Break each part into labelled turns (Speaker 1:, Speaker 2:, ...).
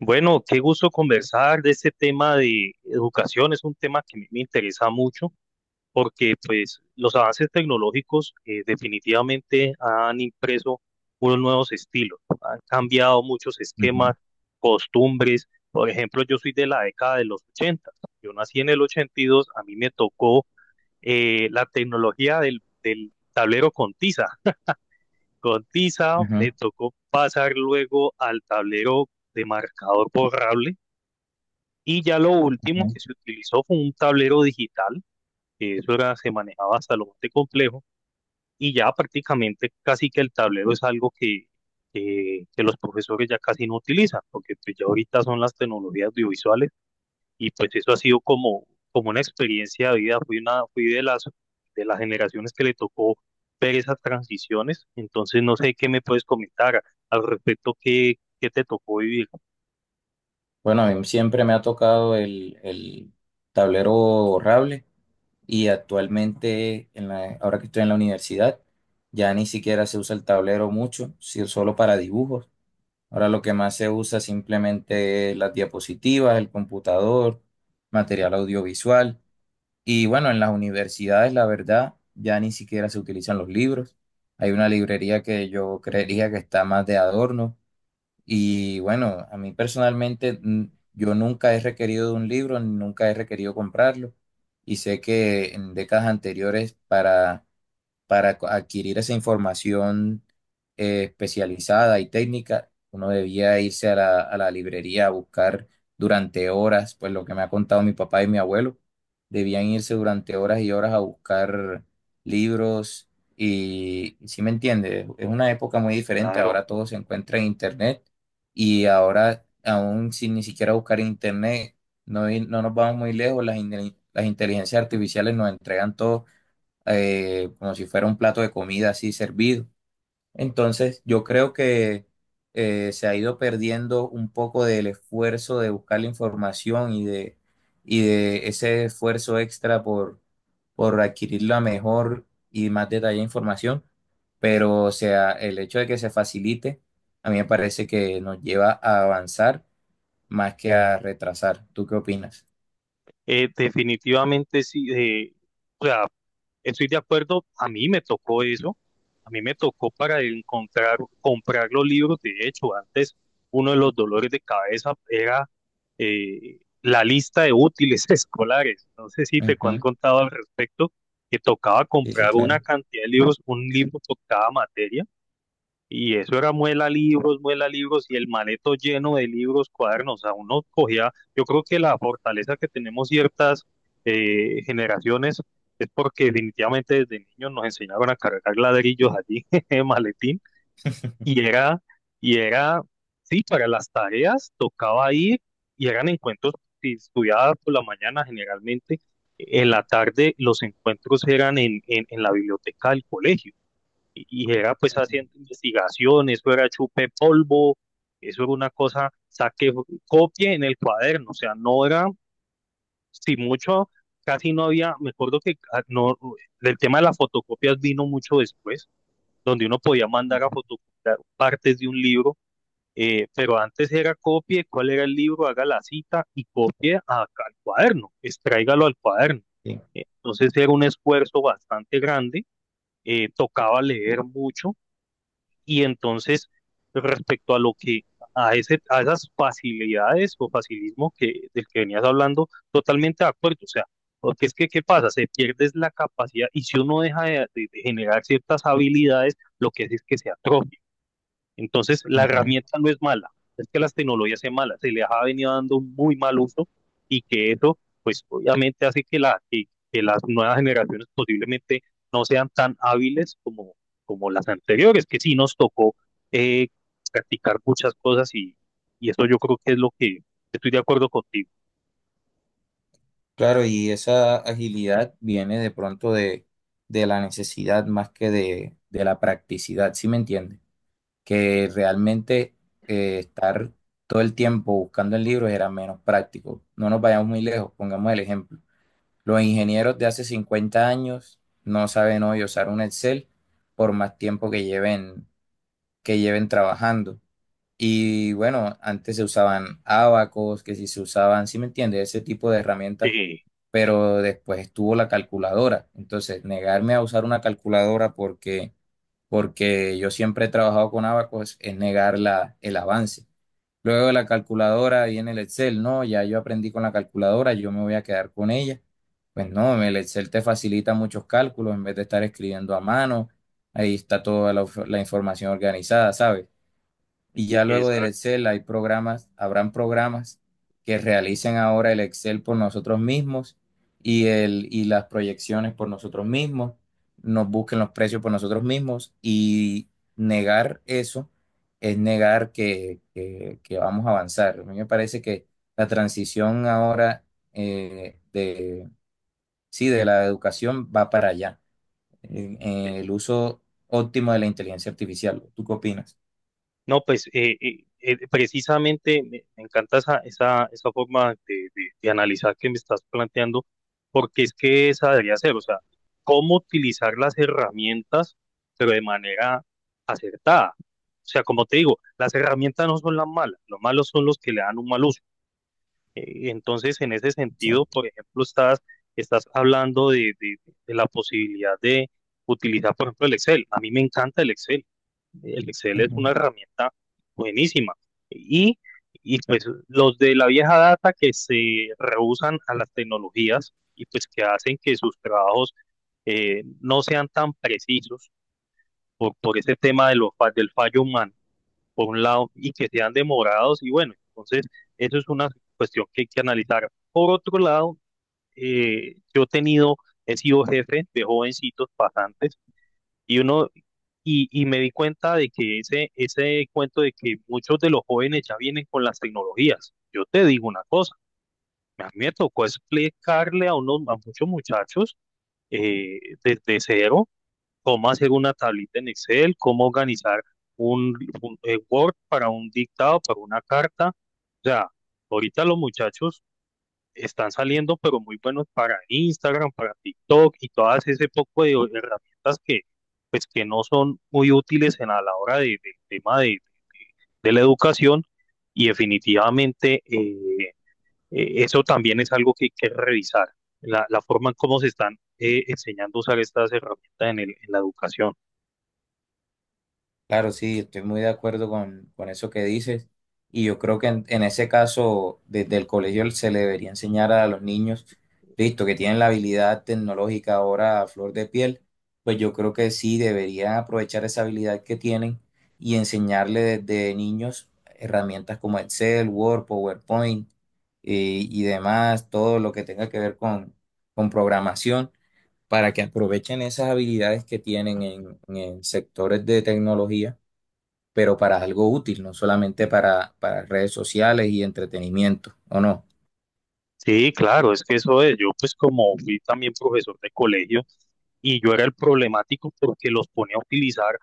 Speaker 1: Bueno, qué gusto conversar de este tema de educación. Es un tema que a mí me interesa mucho porque pues, los avances tecnológicos definitivamente han impreso unos nuevos estilos, han cambiado muchos
Speaker 2: Ujú,
Speaker 1: esquemas, costumbres. Por ejemplo, yo soy de la década de los 80. Yo nací en el 82. A mí me tocó la tecnología del tablero con tiza. Con tiza me
Speaker 2: ujú,
Speaker 1: tocó pasar luego al tablero de marcador borrable y ya lo último
Speaker 2: ujú.
Speaker 1: que se utilizó fue un tablero digital, que eso era, se manejaba hasta lo más de complejo, y ya prácticamente casi que el tablero es algo que los profesores ya casi no utilizan, porque pues ya ahorita son las tecnologías audiovisuales, y pues eso ha sido como, como una experiencia de vida, fui, una, fui de las generaciones que le tocó ver esas transiciones, entonces no sé qué me puedes comentar al respecto, qué, qué te tocó vivir.
Speaker 2: Bueno, a mí siempre me ha tocado el tablero borrable y actualmente, ahora que estoy en la universidad, ya ni siquiera se usa el tablero mucho, solo para dibujos. Ahora lo que más se usa simplemente es las diapositivas, el computador, material audiovisual. Y bueno, en las universidades, la verdad, ya ni siquiera se utilizan los libros. Hay una librería que yo creería que está más de adorno. Y bueno, a mí personalmente, yo nunca he requerido de un libro, nunca he requerido comprarlo. Y sé que en décadas anteriores para adquirir esa información especializada y técnica, uno debía irse a la librería a buscar durante horas, pues lo que me ha contado mi papá y mi abuelo, debían irse durante horas y horas a buscar libros y, si me entiende, es una época muy diferente,
Speaker 1: Claro.
Speaker 2: ahora todo se encuentra en internet. Y ahora aún sin ni siquiera buscar en internet, no, no nos vamos muy lejos, las inteligencias artificiales nos entregan todo, como si fuera un plato de comida así servido. Entonces, yo creo que se ha ido perdiendo un poco del esfuerzo de buscar la información y de ese esfuerzo extra por adquirir la mejor y más detallada información, pero o sea, el hecho de que se facilite, a mí me parece que nos lleva a avanzar más que a retrasar. ¿Tú qué opinas?
Speaker 1: Definitivamente sí, o sea, estoy de acuerdo, a mí me tocó eso, a mí me tocó para encontrar, comprar los libros, de hecho, antes uno de los dolores de cabeza era la lista de útiles escolares, no sé si te han
Speaker 2: Ujú.
Speaker 1: contado al respecto, que tocaba
Speaker 2: Sí, sí,
Speaker 1: comprar una
Speaker 2: claro.
Speaker 1: cantidad de libros, un libro por cada materia, y eso era muela libros y el maleto lleno de libros, cuadernos. A uno cogía, yo creo que la fortaleza que tenemos ciertas generaciones es porque definitivamente desde niños nos enseñaban a cargar ladrillos allí en maletín y era, y era, sí, para las tareas tocaba ir y eran encuentros, si estudiaba por la mañana generalmente, en la tarde los encuentros eran en, en la biblioteca del colegio y y era pues haciendo investigación, eso era chupe polvo, eso era una cosa, saque copie en el cuaderno, o sea, no era, si mucho, casi no había, me acuerdo que no, el tema de las fotocopias vino mucho después, donde uno podía mandar a fotocopiar partes de un libro, pero antes era copie, cuál era el libro, haga la cita y copie al cuaderno, extráigalo al cuaderno.
Speaker 2: Sí.
Speaker 1: Entonces era un esfuerzo bastante grande, tocaba leer mucho y entonces, respecto a lo que, a ese, a esas facilidades o facilismo que, del que venías hablando, totalmente de acuerdo. O sea, porque es que, ¿qué pasa? Se pierde es la capacidad y si uno deja de generar ciertas habilidades, lo que hace es que se atrofia. Entonces, la
Speaker 2: Ujú.
Speaker 1: herramienta no es mala, es que las tecnologías sean malas, se les ha venido dando un muy mal uso y que eso, pues obviamente hace que, la, que las nuevas generaciones posiblemente no sean tan hábiles como, como las anteriores, que sí nos tocó eh, practicar muchas cosas y eso yo creo que es lo que estoy de acuerdo contigo.
Speaker 2: Claro, y esa agilidad viene de pronto de la necesidad más que de la practicidad, ¿sí me entiende? Que realmente, estar todo el tiempo buscando en libros era menos práctico. No nos vayamos muy lejos, pongamos el ejemplo. Los ingenieros de hace 50 años no saben hoy usar un Excel por más tiempo que lleven trabajando. Y bueno, antes se usaban ábacos, que si se usaban, ¿sí me entiendes? Ese tipo de herramientas,
Speaker 1: De
Speaker 2: pero después estuvo la calculadora. Entonces, negarme a usar una calculadora porque, porque yo siempre he trabajado con ábacos es negar la, el avance. Luego de la calculadora y en el Excel, no, ya yo aprendí con la calculadora, yo me voy a quedar con ella. Pues no, el Excel te facilita muchos cálculos en vez de estar escribiendo a mano, ahí está toda la información organizada, ¿sabes? Y ya luego
Speaker 1: esa
Speaker 2: del Excel hay programas, habrán programas que realicen ahora el Excel por nosotros mismos y, el, y las proyecciones por nosotros mismos, nos busquen los precios por nosotros mismos y negar eso es negar que, que vamos a avanzar. A mí me parece que la transición ahora, eh, de, sí, de la educación va para allá, en el uso óptimo de la inteligencia artificial. ¿Tú qué opinas?
Speaker 1: no, pues precisamente me encanta esa, esa, esa forma de, de analizar que me estás planteando, porque es que esa debería ser, o sea, cómo utilizar las herramientas, pero de manera acertada. O sea, como te digo, las herramientas no son las malas, los malos son los que le dan un mal uso. Entonces, en ese sentido,
Speaker 2: Exacto.
Speaker 1: por ejemplo, estás, estás hablando de la posibilidad de utilizar, por ejemplo, el Excel. A mí me encanta el Excel. El Excel es una
Speaker 2: Ujú.
Speaker 1: herramienta buenísima. Y, y pues los de la vieja data que se rehusan a las tecnologías y pues que hacen que sus trabajos no sean tan precisos por ese tema de los, del fallo humano, por un lado, y que sean demorados. Y bueno, entonces eso es una cuestión que hay que analizar. Por otro lado, yo he tenido, he sido jefe de jovencitos pasantes y uno y me di cuenta de que ese cuento de que muchos de los jóvenes ya vienen con las tecnologías. Yo te digo una cosa, a mí me tocó explicarle a, unos, a muchos muchachos eh, desde cero cómo hacer una tablita en Excel, cómo organizar un, un, Word para un dictado, para una carta. O sea, ahorita los muchachos están saliendo, pero muy buenos para Instagram, para TikTok y todas ese poco de herramientas que, pues, que no son muy útiles en, a la hora del tema de la educación y definitivamente eso también es algo que hay que revisar, la forma en cómo se están enseñando a usar estas herramientas en, en la educación.
Speaker 2: Claro, sí, estoy muy de acuerdo con eso que dices. Y yo creo que en ese caso, desde el colegio se le debería enseñar a los niños, listo, que tienen la habilidad tecnológica ahora a flor de piel, pues yo creo que sí deberían aprovechar esa habilidad que tienen y enseñarle desde niños herramientas como Excel, Word, PowerPoint, y demás, todo lo que tenga que ver con programación, para que aprovechen esas habilidades que tienen en sectores de tecnología pero para algo útil, no solamente para redes sociales y entretenimiento, ¿o no?
Speaker 1: Sí, claro, es que eso es, yo pues como fui también profesor de colegio y yo era el problemático porque los ponía a utilizar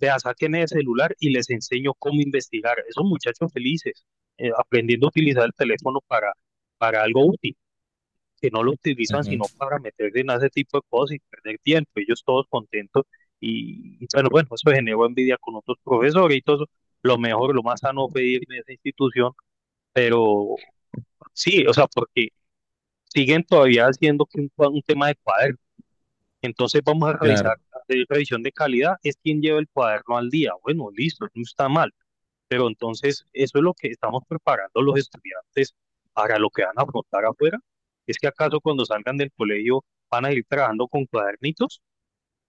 Speaker 1: vea, sáquenme el celular y les enseño cómo investigar. Esos muchachos felices, aprendiendo a utilizar el teléfono para algo útil, que no lo utilizan
Speaker 2: Ujú,
Speaker 1: sino para meterse en ese tipo de cosas y perder tiempo. Ellos todos contentos y bueno, bueno, eso generó envidia con otros profesores y todo. Eso. Lo mejor, lo más sano fue ir de esa institución, pero sí, o sea, porque siguen todavía haciendo que un, un tema de cuaderno. Entonces vamos a revisar,
Speaker 2: claro,
Speaker 1: hacer revisión de calidad, es quien lleva el cuaderno al día. Bueno, listo, no está mal, pero entonces, eso es lo que estamos preparando los estudiantes para lo que van a afrontar afuera. ¿Es que acaso cuando salgan del colegio van a ir trabajando con cuadernitos?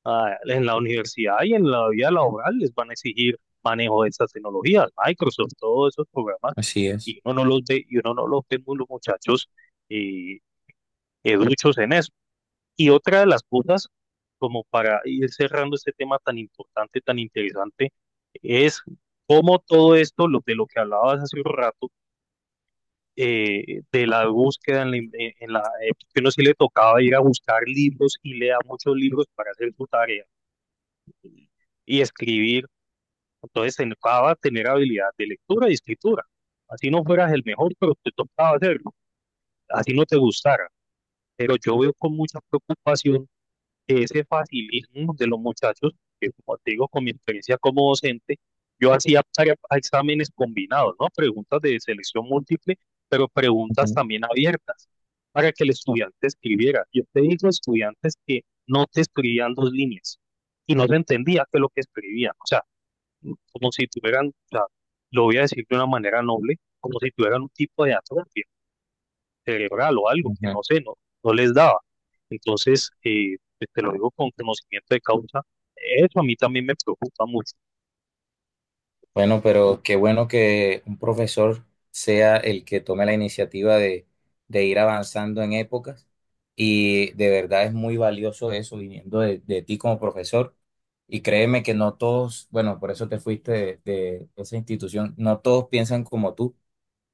Speaker 1: Ah, en la universidad y en la vida laboral les van a exigir manejo de esas tecnologías, Microsoft, todos esos programas,
Speaker 2: así es.
Speaker 1: y uno no los ve, y uno no los ve muy los muchachos eh, educhos en eso. Y otra de las cosas, como para ir cerrando este tema tan importante, tan interesante, es cómo todo esto, lo, de lo que hablabas hace un rato, de la búsqueda, en la, en que uno sí le tocaba ir a buscar libros y lea muchos libros para hacer su tarea y, y escribir. Entonces, te tocaba tener habilidad de lectura y escritura. Así no fueras el mejor, pero te tocaba hacerlo, así no te gustara. Pero yo veo con mucha preocupación ese facilismo de los muchachos, que como te digo, con mi experiencia como docente, yo hacía exámenes combinados, ¿no? Preguntas de selección múltiple, pero preguntas
Speaker 2: Ujú,
Speaker 1: también abiertas para que el estudiante escribiera. Yo te digo, estudiantes que no te escribían dos líneas y no se entendía qué es lo que escribían. O sea, como si tuvieran, o sea, lo voy a decir de una manera noble, como si tuvieran un tipo de atrofia cerebral o algo que no
Speaker 2: ujú.
Speaker 1: sé, no, no les daba. Entonces, pues te lo digo con conocimiento de causa, eso a mí también me preocupa mucho.
Speaker 2: Bueno, pero qué bueno que un profesor sea el que tome la iniciativa de ir avanzando en épocas y de verdad es muy valioso eso viniendo de ti como profesor. Y créeme que no todos, bueno, por eso te fuiste de esa institución, no todos piensan como tú.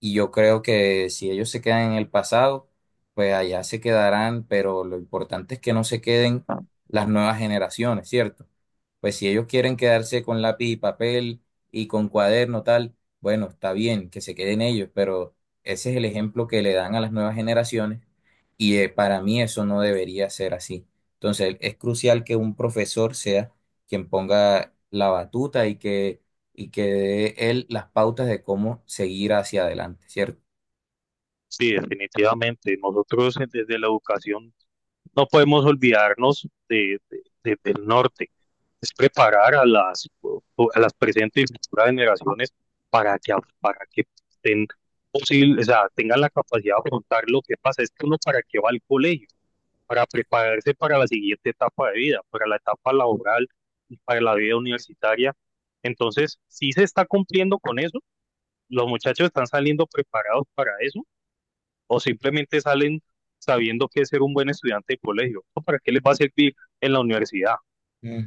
Speaker 2: Y yo creo que si ellos se quedan en el pasado, pues allá se quedarán, pero lo importante es que no se queden las nuevas generaciones, ¿cierto? Pues si ellos quieren quedarse con lápiz y papel y con cuaderno tal, bueno, está bien que se queden ellos, pero ese es el ejemplo que le dan a las nuevas generaciones y, para mí eso no debería ser así. Entonces es crucial que un profesor sea quien ponga la batuta y que dé él las pautas de cómo seguir hacia adelante, ¿cierto?
Speaker 1: Sí, definitivamente. Nosotros desde la educación no podemos olvidarnos de, del norte. Es preparar a las, o a las presentes y futuras generaciones para que, para que estén posible, o sea, tengan la capacidad de afrontar lo que pasa. Es que uno para qué va al colegio. Para prepararse para la siguiente etapa de vida, para la etapa laboral y para la vida universitaria. Entonces, ¿si se está cumpliendo con eso? ¿Los muchachos están saliendo preparados para eso? ¿O simplemente salen sabiendo que es ser un buen estudiante de colegio? ¿O para qué les va a servir en la universidad?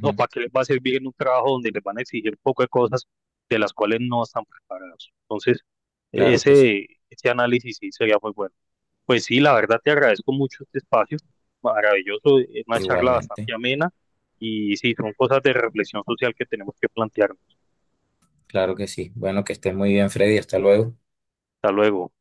Speaker 1: ¿O para qué les va a servir en un trabajo donde les van a exigir poco de cosas de las cuales no están preparados? Entonces,
Speaker 2: Claro que sí,
Speaker 1: ese análisis sí sería muy bueno. Pues sí, la verdad te agradezco mucho este espacio, maravilloso, es una charla
Speaker 2: igualmente,
Speaker 1: bastante amena y sí, son cosas de reflexión social que tenemos que plantearnos.
Speaker 2: claro que sí. Bueno, que estés muy bien, Freddy, hasta luego.
Speaker 1: Hasta luego.